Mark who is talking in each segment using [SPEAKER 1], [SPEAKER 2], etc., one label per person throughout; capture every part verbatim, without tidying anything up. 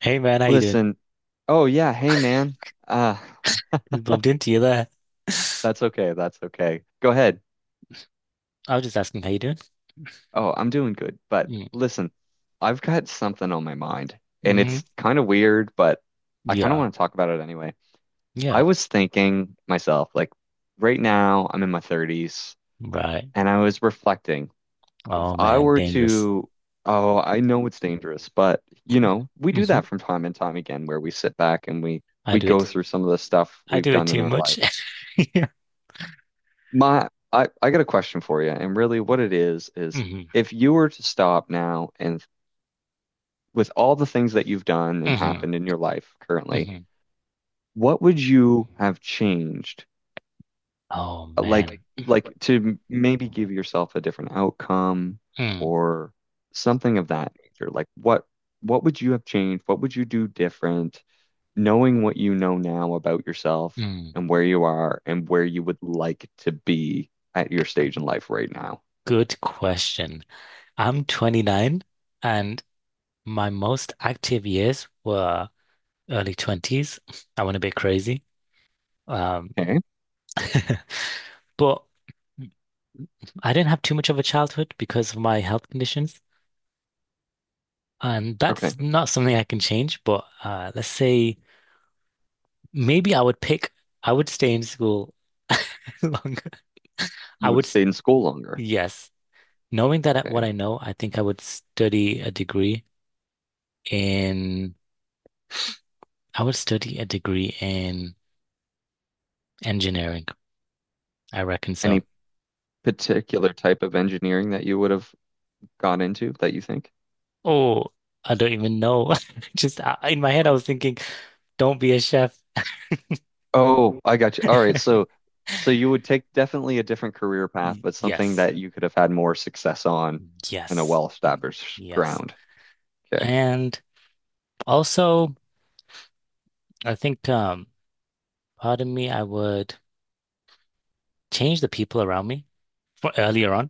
[SPEAKER 1] Hey man, how you doing?
[SPEAKER 2] Listen, oh yeah, hey man. Uh,
[SPEAKER 1] Bumped into you there. I
[SPEAKER 2] that's okay, that's okay. Go ahead.
[SPEAKER 1] was just asking how you doing.
[SPEAKER 2] Oh, I'm doing good. But
[SPEAKER 1] Mm.
[SPEAKER 2] listen, I've got something on my mind, and
[SPEAKER 1] hmm
[SPEAKER 2] it's kind of weird, but I kind of
[SPEAKER 1] Yeah.
[SPEAKER 2] want to talk about it anyway.
[SPEAKER 1] Yeah.
[SPEAKER 2] I was thinking myself, like right now, I'm in my thirties,
[SPEAKER 1] Right.
[SPEAKER 2] and I was reflecting if
[SPEAKER 1] Oh
[SPEAKER 2] I
[SPEAKER 1] man,
[SPEAKER 2] were
[SPEAKER 1] dangerous.
[SPEAKER 2] to, oh, I know it's dangerous, but you know, we do
[SPEAKER 1] Hmm
[SPEAKER 2] that from time and time again where we sit back and we
[SPEAKER 1] I
[SPEAKER 2] we
[SPEAKER 1] do
[SPEAKER 2] go
[SPEAKER 1] it.
[SPEAKER 2] through some of the stuff
[SPEAKER 1] I
[SPEAKER 2] we've
[SPEAKER 1] do it
[SPEAKER 2] done in
[SPEAKER 1] too
[SPEAKER 2] our
[SPEAKER 1] much.
[SPEAKER 2] life.
[SPEAKER 1] Yeah.
[SPEAKER 2] My, I, I got a question for you, and really what it is is
[SPEAKER 1] hmm
[SPEAKER 2] if you were to stop now and with all the things that you've done and
[SPEAKER 1] hmm
[SPEAKER 2] happened in your life currently,
[SPEAKER 1] hmm
[SPEAKER 2] what would you have changed?
[SPEAKER 1] Oh
[SPEAKER 2] Uh, Like,
[SPEAKER 1] man.
[SPEAKER 2] like to m- maybe give yourself a different outcome
[SPEAKER 1] Mm.
[SPEAKER 2] or something of that nature. Like what, what would you have changed? What would you do different, knowing what you know now about yourself
[SPEAKER 1] Mm.
[SPEAKER 2] and where you are and where you would like to be at your stage in life right now?
[SPEAKER 1] Good question. I'm twenty-nine, and my most active years were early twenties. I went a bit crazy. Um,
[SPEAKER 2] Okay.
[SPEAKER 1] but I didn't have too much of a childhood because of my health conditions. And
[SPEAKER 2] Okay,
[SPEAKER 1] that's not something I can change, but uh, let's say maybe I would pick, I would stay in school longer. I
[SPEAKER 2] you would
[SPEAKER 1] would,
[SPEAKER 2] have
[SPEAKER 1] s-
[SPEAKER 2] stayed in school longer.
[SPEAKER 1] yes, knowing that I- what
[SPEAKER 2] Okay.
[SPEAKER 1] I know, I think I would study a degree in, I would study a degree in engineering. I reckon so.
[SPEAKER 2] Any particular type of engineering that you would have gone into that you think?
[SPEAKER 1] Oh, I don't even know. Just uh, in my head, I was thinking, don't be a chef.
[SPEAKER 2] Oh, I got you. All right.
[SPEAKER 1] Y-
[SPEAKER 2] So, so you would take definitely a different career path, but something
[SPEAKER 1] Yes,
[SPEAKER 2] that you could have had more success on in a
[SPEAKER 1] yes,
[SPEAKER 2] well-established
[SPEAKER 1] yes.
[SPEAKER 2] ground. Okay.
[SPEAKER 1] And also, I think um, pardon me, I would change the people around me for earlier on.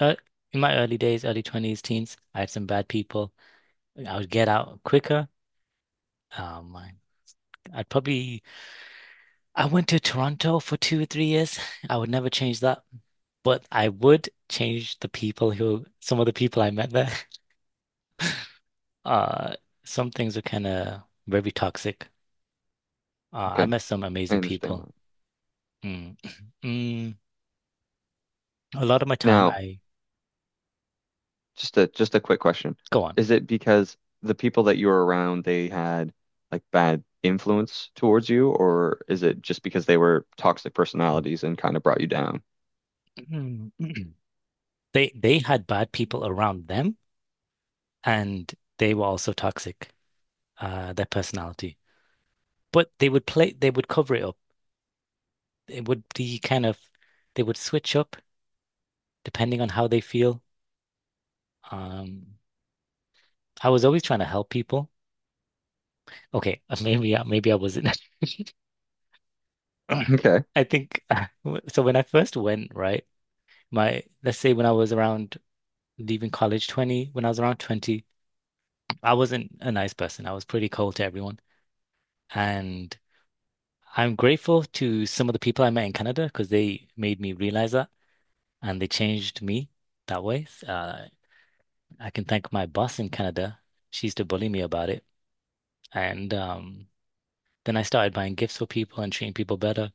[SPEAKER 1] Uh, in my early days, early twenties, teens, I had some bad people. I would get out quicker. Oh my. I'd probably, I went to Toronto for two or three years. I would never change that, but I would change the people who, some of the people I met there. Uh, some things are kind of very toxic. Uh, I
[SPEAKER 2] Okay.
[SPEAKER 1] met some
[SPEAKER 2] I
[SPEAKER 1] amazing
[SPEAKER 2] understand
[SPEAKER 1] people.
[SPEAKER 2] that.
[SPEAKER 1] Mm. Mm. A lot of my time,
[SPEAKER 2] Now,
[SPEAKER 1] I
[SPEAKER 2] just a just a quick question.
[SPEAKER 1] go
[SPEAKER 2] Is it because the people that you were around, they had like bad influence towards you, or is it just because they were toxic personalities and kind of brought you down?
[SPEAKER 1] on. They they had bad people around them, and they were also toxic, uh, their personality. But they would play, they would cover it up. It would be kind of, they would switch up depending on how they feel. Um, I was always trying to help people. Okay, uh, maybe I- maybe I wasn't.
[SPEAKER 2] Okay.
[SPEAKER 1] I think uh, w- so. When I first went, right, my let's say when I was around leaving college, twenty, when I was around twenty, I wasn't a nice person. I was pretty cold to everyone, and I'm grateful to some of the people I met in Canada because they made me realize that, and they changed me that way. Uh, I can thank my boss in Canada. She used to bully me about it. And um, then I started buying gifts for people and treating people better.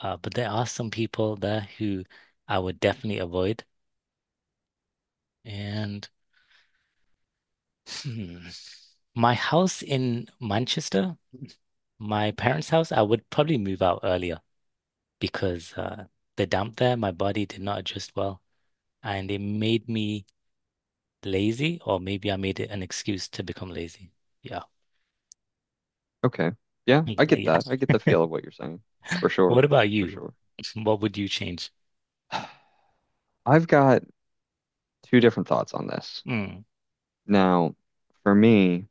[SPEAKER 1] Uh, but there are some people there who I would definitely avoid. And hmm, my house in Manchester, my parents' house, I would probably move out earlier because uh, the damp there, my body did not adjust well, and it made me lazy, or maybe I made it an excuse to become lazy. Yeah.
[SPEAKER 2] Okay. Yeah,
[SPEAKER 1] Mm,
[SPEAKER 2] I get
[SPEAKER 1] yeah.
[SPEAKER 2] that. I get the feel of what you're saying. For sure.
[SPEAKER 1] What about
[SPEAKER 2] For
[SPEAKER 1] you?
[SPEAKER 2] sure.
[SPEAKER 1] What would you change?
[SPEAKER 2] I've got two different thoughts on this.
[SPEAKER 1] Mm,
[SPEAKER 2] Now, for me,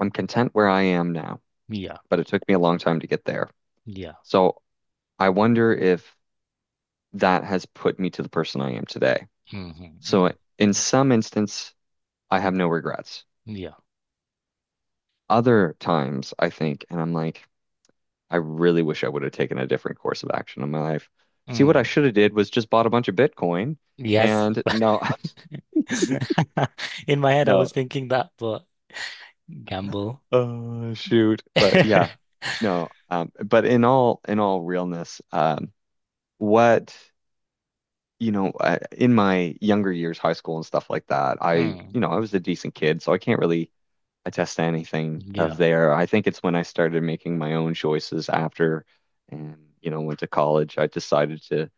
[SPEAKER 2] I'm content where I am now,
[SPEAKER 1] yeah.
[SPEAKER 2] but it took me a long time to get there.
[SPEAKER 1] Yeah.
[SPEAKER 2] So I wonder if that has put me to the person I am today.
[SPEAKER 1] Mm-hmm,
[SPEAKER 2] So in
[SPEAKER 1] mm-hmm.
[SPEAKER 2] some instance, I have no regrets.
[SPEAKER 1] Yeah.
[SPEAKER 2] Other times, I think, and I'm like, I really wish I would have taken a different course of action in my life. See, what I
[SPEAKER 1] Mm.
[SPEAKER 2] should have did was just bought a bunch of Bitcoin
[SPEAKER 1] Yes.
[SPEAKER 2] and no.
[SPEAKER 1] In my head, I
[SPEAKER 2] No.
[SPEAKER 1] was thinking that, but gamble.
[SPEAKER 2] Oh shoot. But yeah. No. Um, but in all in all realness, um, what you know, I, in my younger years, high school and stuff like that, I
[SPEAKER 1] Mm,
[SPEAKER 2] you know, I was a decent kid, so I can't really attest to anything of
[SPEAKER 1] yeah.
[SPEAKER 2] there. I think it's when I started making my own choices after and you know, went to college, I decided to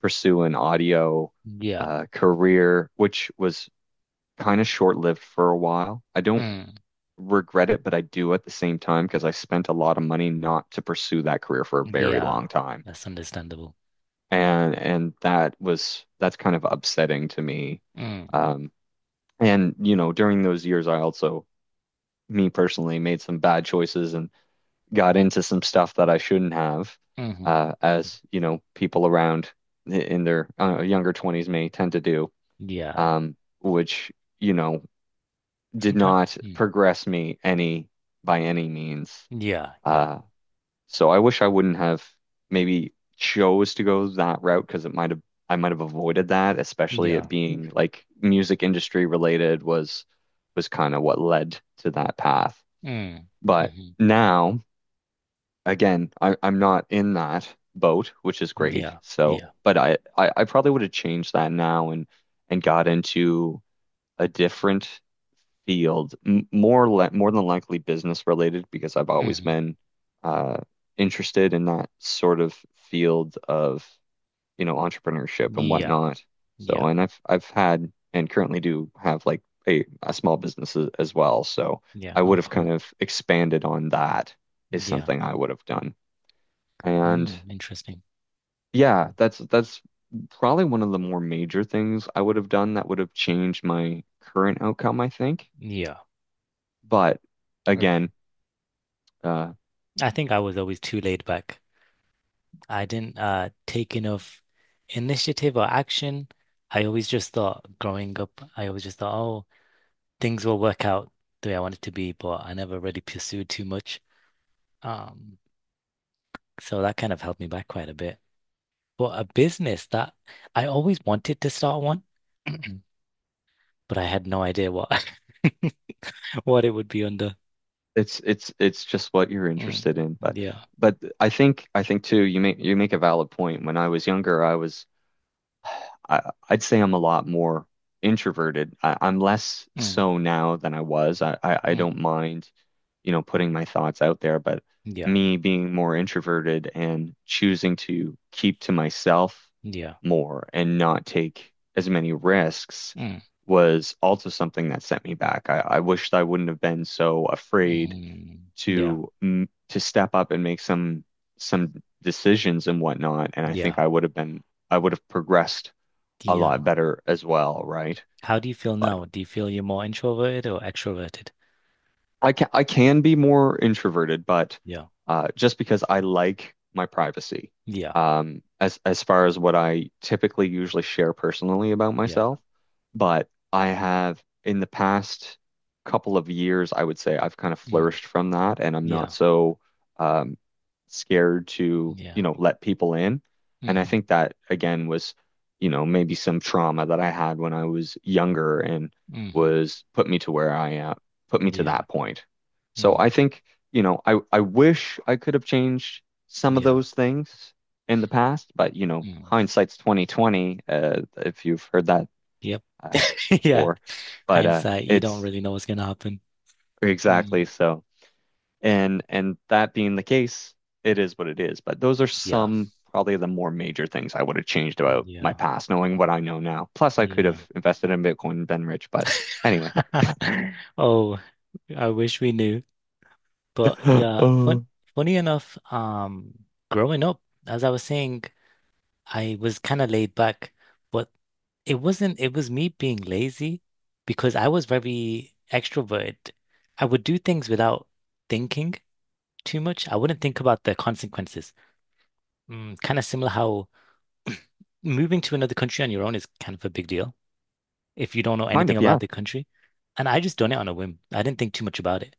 [SPEAKER 2] pursue an audio
[SPEAKER 1] Yeah.
[SPEAKER 2] uh career, which was kind of short-lived for a while. I don't
[SPEAKER 1] Mm,
[SPEAKER 2] regret it, but I do at the same time because I spent a lot of money not to pursue that career for a very
[SPEAKER 1] yeah.
[SPEAKER 2] long time.
[SPEAKER 1] That's understandable.
[SPEAKER 2] And and that was that's kind of upsetting to me.
[SPEAKER 1] Mm,
[SPEAKER 2] Um, and you know, during those years, I also, me personally, made some bad choices and got into some stuff that I shouldn't have,
[SPEAKER 1] hmm
[SPEAKER 2] uh, as you know, people around in their uh, younger twenties may tend to do,
[SPEAKER 1] Yeah.
[SPEAKER 2] um, which, you know, did
[SPEAKER 1] Sometimes.
[SPEAKER 2] not
[SPEAKER 1] Mm,
[SPEAKER 2] progress me any by any means.
[SPEAKER 1] yeah. Yeah.
[SPEAKER 2] Uh, So I wish I wouldn't have maybe chose to go that route because it might have I might have avoided that, especially
[SPEAKER 1] Yeah.
[SPEAKER 2] it being like music industry related was was kind of what led to that path.
[SPEAKER 1] Mm,
[SPEAKER 2] But
[SPEAKER 1] mhm.
[SPEAKER 2] now, again, I, I'm not in that boat, which is great.
[SPEAKER 1] Yeah,
[SPEAKER 2] So,
[SPEAKER 1] yeah.
[SPEAKER 2] but I, I, I probably would have changed that now and and got into a different field, m more le more than likely business related because I've always
[SPEAKER 1] hmm
[SPEAKER 2] been uh, interested in that sort of field of, you know, entrepreneurship and
[SPEAKER 1] Yeah, so,
[SPEAKER 2] whatnot.
[SPEAKER 1] yeah,
[SPEAKER 2] So, and
[SPEAKER 1] so
[SPEAKER 2] I've I've had and currently do have like a, a small business a- as well. So
[SPEAKER 1] yeah.
[SPEAKER 2] I
[SPEAKER 1] Oh,
[SPEAKER 2] would have
[SPEAKER 1] cool.
[SPEAKER 2] kind of expanded on that is
[SPEAKER 1] Yeah.
[SPEAKER 2] something I would have done. And
[SPEAKER 1] Mm, interesting.
[SPEAKER 2] yeah, that's that's probably one of the more major things I would have done that would have changed my current outcome, I think.
[SPEAKER 1] Yeah.
[SPEAKER 2] But
[SPEAKER 1] Okay.
[SPEAKER 2] again, Uh,
[SPEAKER 1] I think I was always too laid back. I didn't uh take enough initiative or action. I always just thought growing up, I always just thought, oh, things will work out the way I want it to be, but I never really pursued too much. Um, so that kind of held me back quite a bit. But a business that I always wanted to start one, but I had no idea what. what it would be under.
[SPEAKER 2] it's it's it's just what you're
[SPEAKER 1] Mm,
[SPEAKER 2] interested in, but
[SPEAKER 1] yeah.
[SPEAKER 2] but I think I think too you make you make a valid point. When I was younger, I was I, I'd say I'm a lot more introverted. I, I'm less
[SPEAKER 1] Mm,
[SPEAKER 2] so now than I was. I, I I
[SPEAKER 1] mm,
[SPEAKER 2] don't mind, you know, putting my thoughts out there, but
[SPEAKER 1] yeah.
[SPEAKER 2] me being more introverted and choosing to keep to myself
[SPEAKER 1] Yeah.
[SPEAKER 2] more and not take as many risks
[SPEAKER 1] Mm,
[SPEAKER 2] was also something that set me back. I, I wished I wouldn't have been so afraid
[SPEAKER 1] mm, yeah.
[SPEAKER 2] to mm, to step up and make some some decisions and whatnot. And I
[SPEAKER 1] Yeah.
[SPEAKER 2] think I would have been I would have progressed a lot
[SPEAKER 1] Yeah.
[SPEAKER 2] better as well, right?
[SPEAKER 1] How do you feel
[SPEAKER 2] But
[SPEAKER 1] now? Do you feel you're more introverted or extroverted?
[SPEAKER 2] I can I can be more introverted, but
[SPEAKER 1] Yeah.
[SPEAKER 2] uh, just because I like my privacy,
[SPEAKER 1] Yeah.
[SPEAKER 2] um, as as far as what I typically usually share personally about
[SPEAKER 1] Yeah.
[SPEAKER 2] myself, but I have in the past couple of years, I would say I've kind of
[SPEAKER 1] Mm,
[SPEAKER 2] flourished from that, and I'm not
[SPEAKER 1] yeah.
[SPEAKER 2] so um, scared to
[SPEAKER 1] Yeah.
[SPEAKER 2] you know let people in, and I
[SPEAKER 1] Mm,
[SPEAKER 2] think that again was you know maybe some trauma that I had when I was younger and
[SPEAKER 1] mm,
[SPEAKER 2] was put me to where I am put me to
[SPEAKER 1] yeah.
[SPEAKER 2] that point. So
[SPEAKER 1] Mm,
[SPEAKER 2] I think, you know, I I wish I could have changed some of
[SPEAKER 1] yeah.
[SPEAKER 2] those things in the past, but you know,
[SPEAKER 1] Mm,
[SPEAKER 2] hindsight's twenty twenty, uh, if you've heard that
[SPEAKER 1] yep.
[SPEAKER 2] uh,
[SPEAKER 1] Yeah.
[SPEAKER 2] before. But uh,
[SPEAKER 1] Hindsight, you don't
[SPEAKER 2] it's
[SPEAKER 1] really know what's gonna happen.
[SPEAKER 2] exactly
[SPEAKER 1] Mm,
[SPEAKER 2] so. And and that being the case, it is what it is. But those are
[SPEAKER 1] yeah.
[SPEAKER 2] some probably the more major things I would have changed about my
[SPEAKER 1] Yeah.
[SPEAKER 2] past, knowing what I know now. Plus, I could
[SPEAKER 1] Yeah.
[SPEAKER 2] have invested in Bitcoin and been rich. But anyway,
[SPEAKER 1] Oh, I wish we knew. But yeah,
[SPEAKER 2] uh,
[SPEAKER 1] fun, funny enough, um, growing up, as I was saying, I was kind of laid back, but it wasn't, it was me being lazy because I was very extroverted. I would do things without thinking too much. I wouldn't think about the consequences. Mm, kind of similar how moving to another country on your own is kind of a big deal if you don't know
[SPEAKER 2] kind
[SPEAKER 1] anything
[SPEAKER 2] of, yeah.
[SPEAKER 1] about the country. And I just done it on a whim. I didn't think too much about it.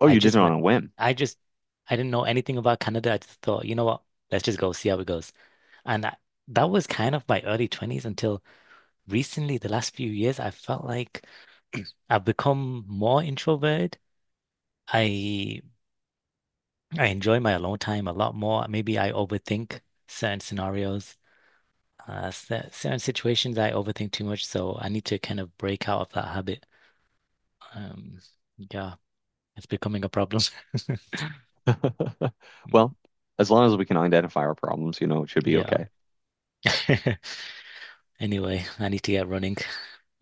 [SPEAKER 2] Oh,
[SPEAKER 1] I
[SPEAKER 2] you did it
[SPEAKER 1] just
[SPEAKER 2] on
[SPEAKER 1] went.
[SPEAKER 2] a whim.
[SPEAKER 1] I just I didn't know anything about Canada. I just thought, you know what? Let's just go see how it goes. And I, that was kind of my early twenties until recently. The last few years, I felt like I've become more introverted. I I enjoy my alone time a lot more. Maybe I overthink certain scenarios, uh, cer- certain situations I overthink too much, so I need to kind of break out of that habit. Um, yeah, it's becoming a problem.
[SPEAKER 2] Well, as long as we can identify our problems, you know, it should be
[SPEAKER 1] Yeah.
[SPEAKER 2] okay.
[SPEAKER 1] Anyway, I need to get running.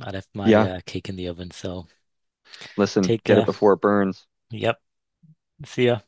[SPEAKER 1] I left my
[SPEAKER 2] Yeah,
[SPEAKER 1] uh, cake in the oven, so
[SPEAKER 2] listen,
[SPEAKER 1] take
[SPEAKER 2] get it
[SPEAKER 1] care.
[SPEAKER 2] before it burns.
[SPEAKER 1] Yep. See ya.